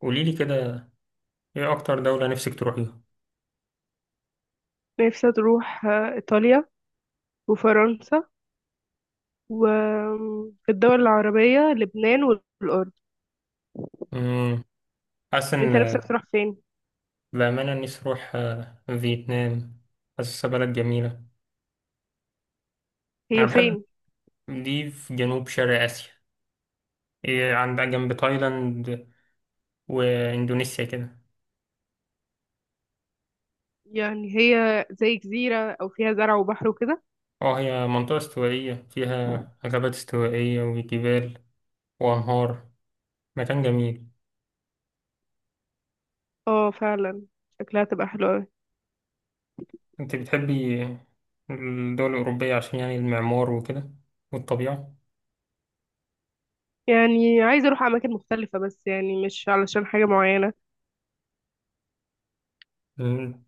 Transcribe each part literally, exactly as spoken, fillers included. قولي لي كده، ايه اكتر دولة نفسك تروحيها؟ نفسي تروح آه، إيطاليا وفرنسا. وفي الدول العربية لبنان والأردن. امم حاسس ان. أنت نفسك تروح فين؟ بأمانة نفسي اروح آه، فيتنام. حاسسها بلد جميلة. انا هي بحب. فين؟ دي في جنوب شرق اسيا. إيه عندها جنب تايلاند واندونيسيا كده. يعني هي زي جزيرة أو فيها زرع وبحر وكده؟ اه، هي منطقة استوائية فيها غابات استوائية وجبال وانهار. مكان جميل. اه، فعلا. شكلها تبقى حلوة أوي. انت بتحبي الدول الأوروبية عشان يعني المعمار وكده والطبيعة. يعني عايزة أروح أماكن مختلفة بس يعني مش علشان حاجة معينة. مم.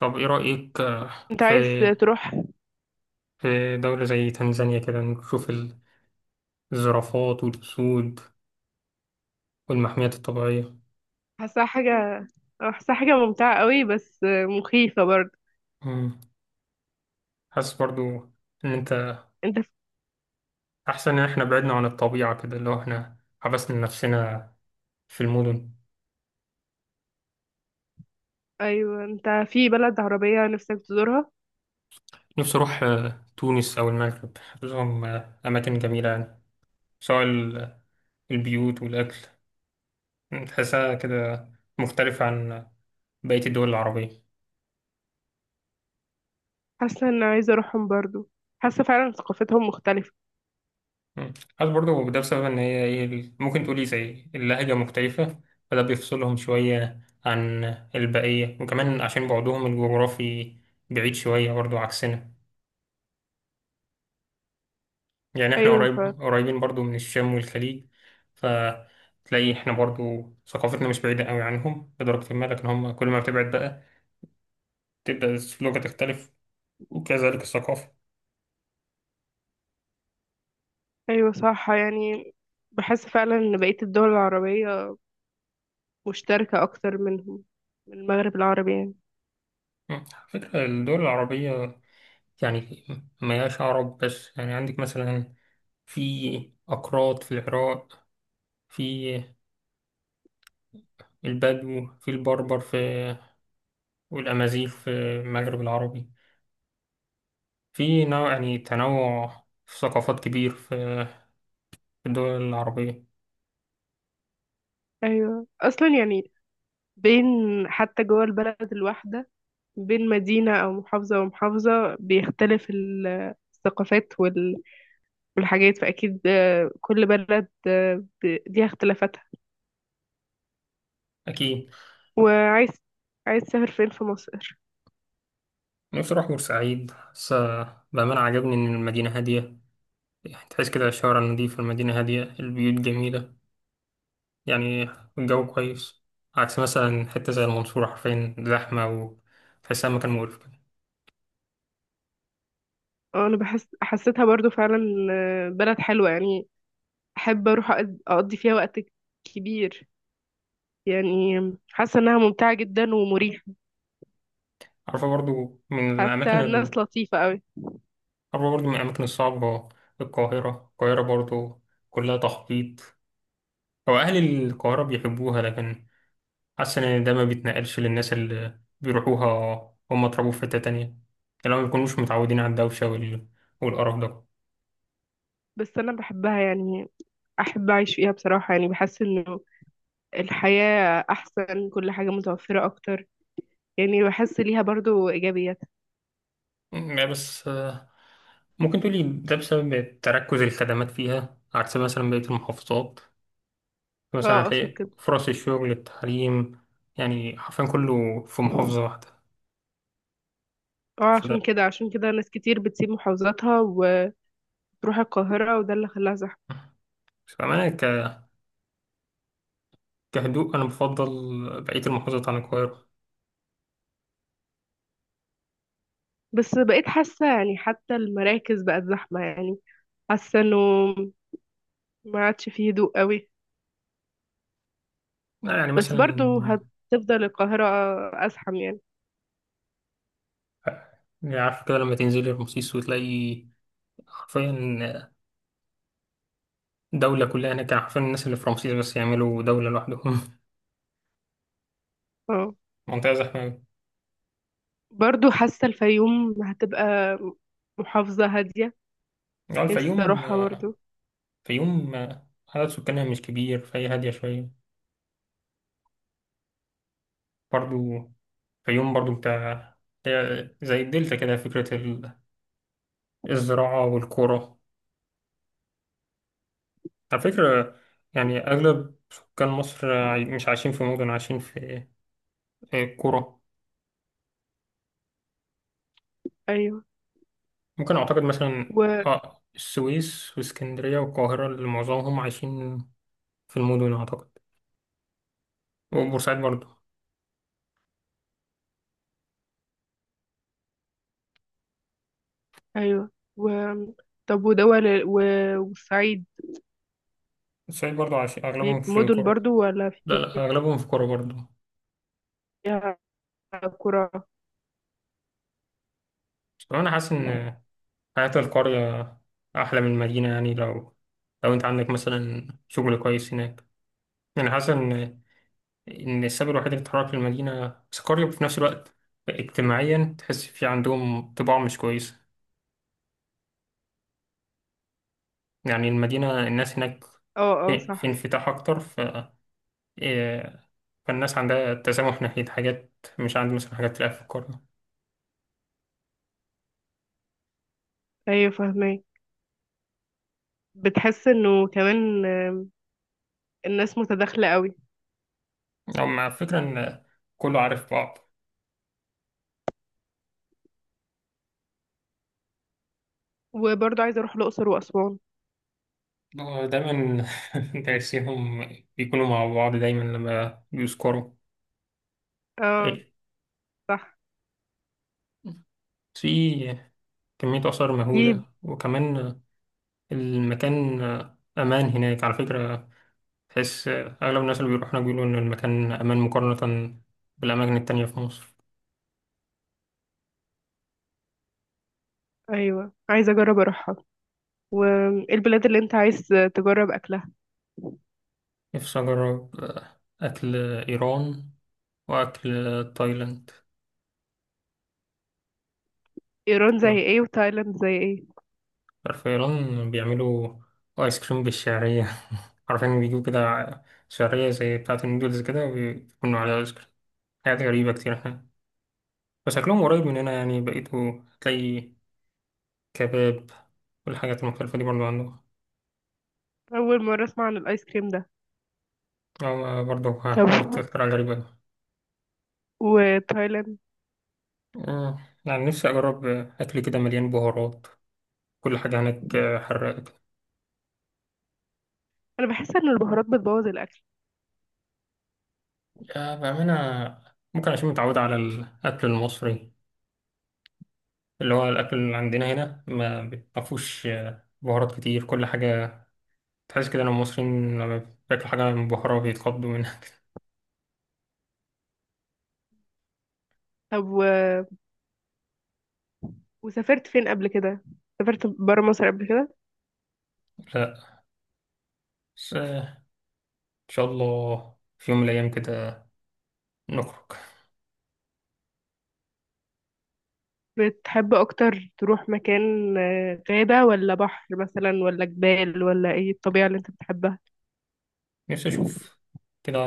طب ايه رأيك آه، أنت في عايز تروح. في دولة زي تنزانيا كده نشوف ال- الزرافات والأسود والمحميات الطبيعية. حاساها حاجة حاساها حاجة ممتعة قوي بس آه، مخيفة برضه. مم. حاسس برضو إن أنت أنت في... أحسن إن إحنا بعدنا عن الطبيعة كده، اللي هو إحنا حبسنا نفسنا في المدن. أيوة، أنت في بلد عربية نفسك تزورها؟ نفسي أروح آه، تونس أو المغرب، حاسسهم آه، أماكن جميلة يعني، سواء ال- البيوت والأكل. تحسها كده مختلفة عن بقية الدول العربية. حاسة ان عايزة اروحهم برضو. حاسة فعلا ثقافتهم مختلفة. مم. حاسس برضه ده بسبب إن هي إيه ال- ممكن تقولي زي اللهجة مختلفة. فده بيفصلهم شوية عن البقية، وكمان عشان بعدهم الجغرافي بعيد شوية برضه عكسنا. يعني إحنا ايوه ف... قريب قريبين برضه من الشام والخليج. فتلاقي إحنا برضه ثقافتنا مش بعيدة أوي عنهم لدرجة ما، لكن هم كل ما بتبعد بقى تبدأ اللغة تختلف وكذلك الثقافة. ايوه، صح يعني. بحس فعلا ان بقية الدول العربية مشتركة اكتر منهم، من المغرب العربي يعني. مم. على فكرة الدول العربية يعني مياش عرب بس، يعني عندك مثلا في أكراد في العراق، في البدو، في البربر، في والأمازيغ في المغرب العربي. في نوع، يعني تنوع في ثقافات كبير في في الدول العربية. ايوه، اصلا يعني بين حتى جوه البلد الواحدة بين مدينة او محافظة ومحافظة بيختلف ال- الثقافات وال... والحاجات. فاكيد آه، كل بلد آه، ب- ليها اختلافاتها. أكيد. وعايز عايز تسافر فين في مصر؟ نفسي أروح بورسعيد، بس بأمانة عجبني إن المدينة هادية، يعني تحس كده الشوارع النظيفة، المدينة هادية، البيوت جميلة، يعني الجو كويس. عكس مثلا حتة زي المنصورة، حرفيا زحمة وتحسها مكان مقرف كده. اه، انا بحس حسيتها برضو فعلا، آه، بلد حلوة يعني. احب اروح أقض- اقضي فيها وقت كبير يعني. حاسة انها ممتعة جدا ومريحة. عارفة برضو من الأماكن حتى ال... الناس لطيفة قوي. عارفة برضو من الأماكن الصعبة، القاهرة. القاهرة برضو كلها تخبيط. هو أهل القاهرة بيحبوها، لكن حاسس إن ده ما بيتنقلش للناس اللي بيروحوها. هم اتربوا في حتة تانية، اللي هم مبيكونوش متعودين على الدوشة وال... والقرف ده. بس انا بحبها يعني. احب اعيش فيها بصراحة. يعني بحس انه الحياة احسن، كل حاجة متوفرة اكتر. يعني بحس ليها برضو ايجابيات. م- يعني بس، آه، ممكن تقولي ده بسبب تركز الخدمات فيها عكس مثلا بقية المحافظات. مثلا اه، اقصد هتلاقي كده. فرص الشغل، التعليم، يعني حرفيا كله في محافظة واحدة. اه، عشان فده كده عشان كده ناس كتير بتسيب محافظاتها وتروح القاهرة، وده اللي خلاها زحمة. فأنا ك... كهدوء أنا بفضل بقية المحافظات عن القاهرة. بس بقيت حاسة يعني حتى المراكز بقت زحمة يعني. حاسه انه ما عادش فيه هدوء قوي. لا، يعني بس مثلا، برضو هتفضل القاهره ازحم يعني. يعني عارف كده لما تنزلي رمسيس وتلاقي حرفيا دولة كلها هناك، يعني حرفيا الناس اللي في رمسيس بس يعملوا دولة لوحدهم اه. منطقة زحمة أوي. برضو حاسه الفيوم هتبقى محافظه هاديه. يعني نفسي الفيوم، اروحها برضو. الفيوم عدد سكانها مش كبير فهي هادية شوية برضو. الفيوم برضو بتاع زي الدلتا كده، فكرة الزراعة والقرى. على فكرة، يعني أغلب سكان مصر عاي- مش عايشين في مدن، عايشين في في قرى. ايوه ممكن أعتقد مثلا و آه السويس واسكندرية والقاهرة اللي معظمهم عايشين في المدن أعتقد، وبورسعيد برضو. ايوه و طب، ودول و... والصعيد. بورسعيد برضو عايشين أغلبهم بيب- في مدن قرى. برضو ولا لا لا، فيها أغلبهم في قرى برضو. قرى؟ بس أنا حاسس إن حياة القرية أحلى من المدينة، يعني لو لو أنت عندك مثلا شغل كويس هناك، يعني حاسس إن ان السبب الوحيد اللي اتحرك في المدينه سكاريو، وفي نفس الوقت اجتماعيا تحس في عندهم طباع مش كويسه. يعني المدينه الناس هناك اه، اه، في في صح. انفتاح اكتر، ف إيه، فالناس عندها تسامح ناحيه حاجات، مش عند مثلا حاجات تلاقيها في القريه، ايوه، فاهمه. بتحس انه كمان الناس متداخله قوي. او مع فكره ان كله عارف بعض. وبرضو عايزه اروح الاقصر واسوان. هو دايما تحسيهم بيكونوا مع بعض دايما لما بيسكروا. اه. إيه، صح. في كمية آثار دي مهولة، وكمان المكان أمان هناك على فكرة، بحيث أغلب الناس اللي بيروحوا هناك بيقولوا إن المكان أمان مقارنة بالأماكن التانية في مصر. ايوه، عايزه اجرب اروحها. والبلاد اللي انت عايز تجرب اكلها؟ نفسي أجرب آه، أكل إيران وأكل تايلاند. ايران زي ايه وتايلاند زي ايه؟ في إيران بيعملوا آيس كريم بالشعرية عارفين بيجيبوا كده شعرية زي بتاعة النودلز كده، وبيكونوا عليها آيس كريم. حاجات غريبة كتير هناك، بس أكلهم قريب مننا يعني، بقيتوا تلاقي كباب والحاجات المختلفة دي برضو عندهم. اول مره اسمع عن الايس كريم ده. أو برضو طب قلت اختراع غريب. وتايلاند؟ آه. يعني نفسي أجرب أكل كده مليان بهارات، كل حاجة هناك حراقة كده. انا بحس ان البهارات بتبوظ الاكل. آه، بأمانة ممكن عشان متعود على الأكل المصري، اللي هو الأكل اللي عندنا هنا ما بيبقاش بهارات كتير كل حاجة، تحس كده إن المصريين لما بياكلوا حاجة مبهرة بيتخضوا منها كده. طب و... وسافرت فين قبل كده؟ سافرت برا مصر قبل كده؟ لا، بس آه، إن شاء الله في يوم من الأيام كده نخرج. بتحب اكتر تروح مكان، آه، غابه ولا بحر مثلا ولا جبال ولا ايه الطبيعه اللي انت بتحبها؟ نفسي أشوف كده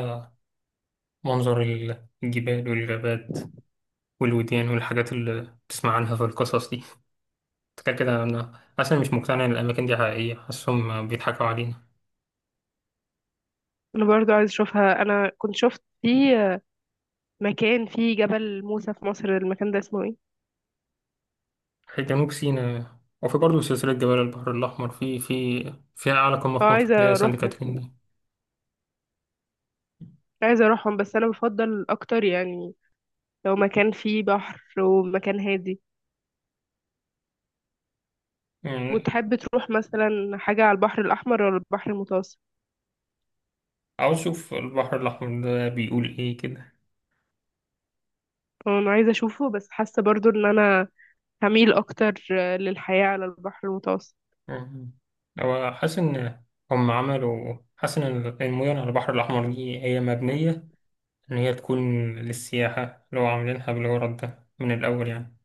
منظر الجبال والغابات والوديان والحاجات اللي بتسمع عنها في القصص دي. كده كده أنا أصلا مش مقتنع إن الأماكن دي حقيقية، حاسسهم بيضحكوا علينا. انا برضو عايز اشوفها. انا كنت شفت في مكان فيه جبل موسى في مصر. المكان ده اسمه ايه؟ في جنوب سيناء، وفي برضه سلسلة جبال البحر الأحمر في في فيها أعلى قمة اه، في مصر اللي هي عايزة سانت اروحهم كاترين دي. عايزة اروحهم بس انا بفضل اكتر يعني لو مكان فيه بحر ومكان هادي. يعني وتحب تروح مثلا حاجة على البحر الاحمر ولا البحر المتوسط؟ عاوز أشوف البحر الأحمر ده بيقول إيه كده. اه، انا عايزة اشوفه بس حاسة برضو ان انا هميل اكتر، آه، للحياة على البحر المتوسط. يعني هو حاسس إن هم عملوا حاسس إن المدن على البحر الأحمر دي هي مبنية إن هي تكون للسياحة، اللي هو عاملينها بالغرض ده من الأول يعني،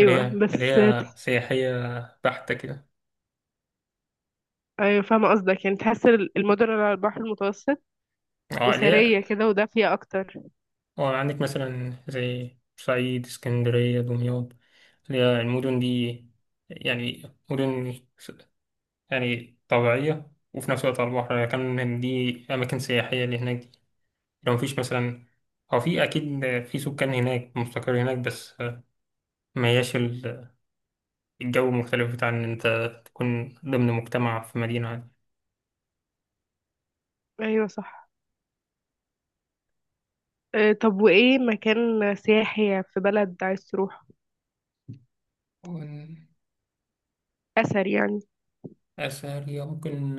اللي هي بس. اللي هي تح- سياحية بحتة كده. ايوه، فاهمة قصدك. يعني تحس ال- المدن اللي على البحر المتوسط اه، اللي هي، اسرية كده ودافية اكتر. وعندك مثلا زي بورسعيد، اسكندرية، دمياط، اللي هي المدن دي، يعني مدن س- يعني طبيعية وفي نفس الوقت على البحر، يعني كان دي أماكن سياحية اللي هناك دي، لو مفيش مثلا. هو في أكيد في سكان هناك مستقر هناك، بس ما هياش ال- الجو مختلف بتاع إن أنت تكون ضمن مجتمع في مدينة عادية. ايوه، صح. آه، طب، وايه مكان سياحي في بلد عايز تروح، ومن اثر يعني؟ أثرية ممكن،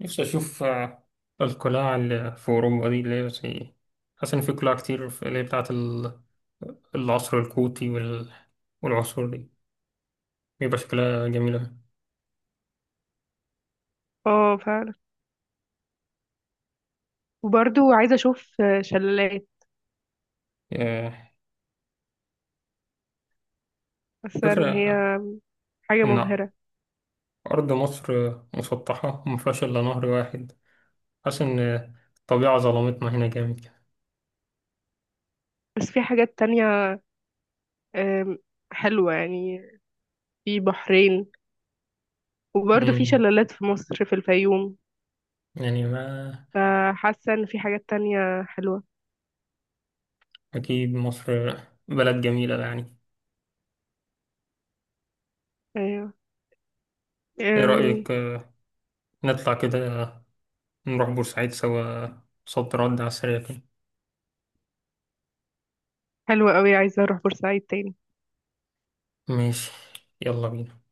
نفسي أشوف آه، القلاع اللي في أوروبا دي، اللي هي زي، حاسس إن في قلاع كتير في- اللي هي بتاعة ال- العصر الكوتي وال... والعصور دي بيبقى شكلها جميل أوي. اه، فعلا. وبرضو عايزه اشوف آه، شلالات. آه، حاسه ان فكرة هي حاجه إن مبهره. أرض مصر مسطحة ومفيهاش إلا نهر واحد، حاسس إن الطبيعة ظلمتنا هنا جامد كده. بس في حاجات تانية، آم، حلوه يعني. في بحرين. وبرضو في مم، شلالات في مصر في الفيوم. يعني ما فحاسه ان في حاجات تانية حلوه. أكيد مصر بلد جميلة يعني. ايوه. إيه آم، رأيك آه، نطلع كده نروح بورسعيد سوا؟ صد رد على السريع كده. حلوه قوي. عايزه اروح بورسعيد تاني. ماشي، يلا بينا.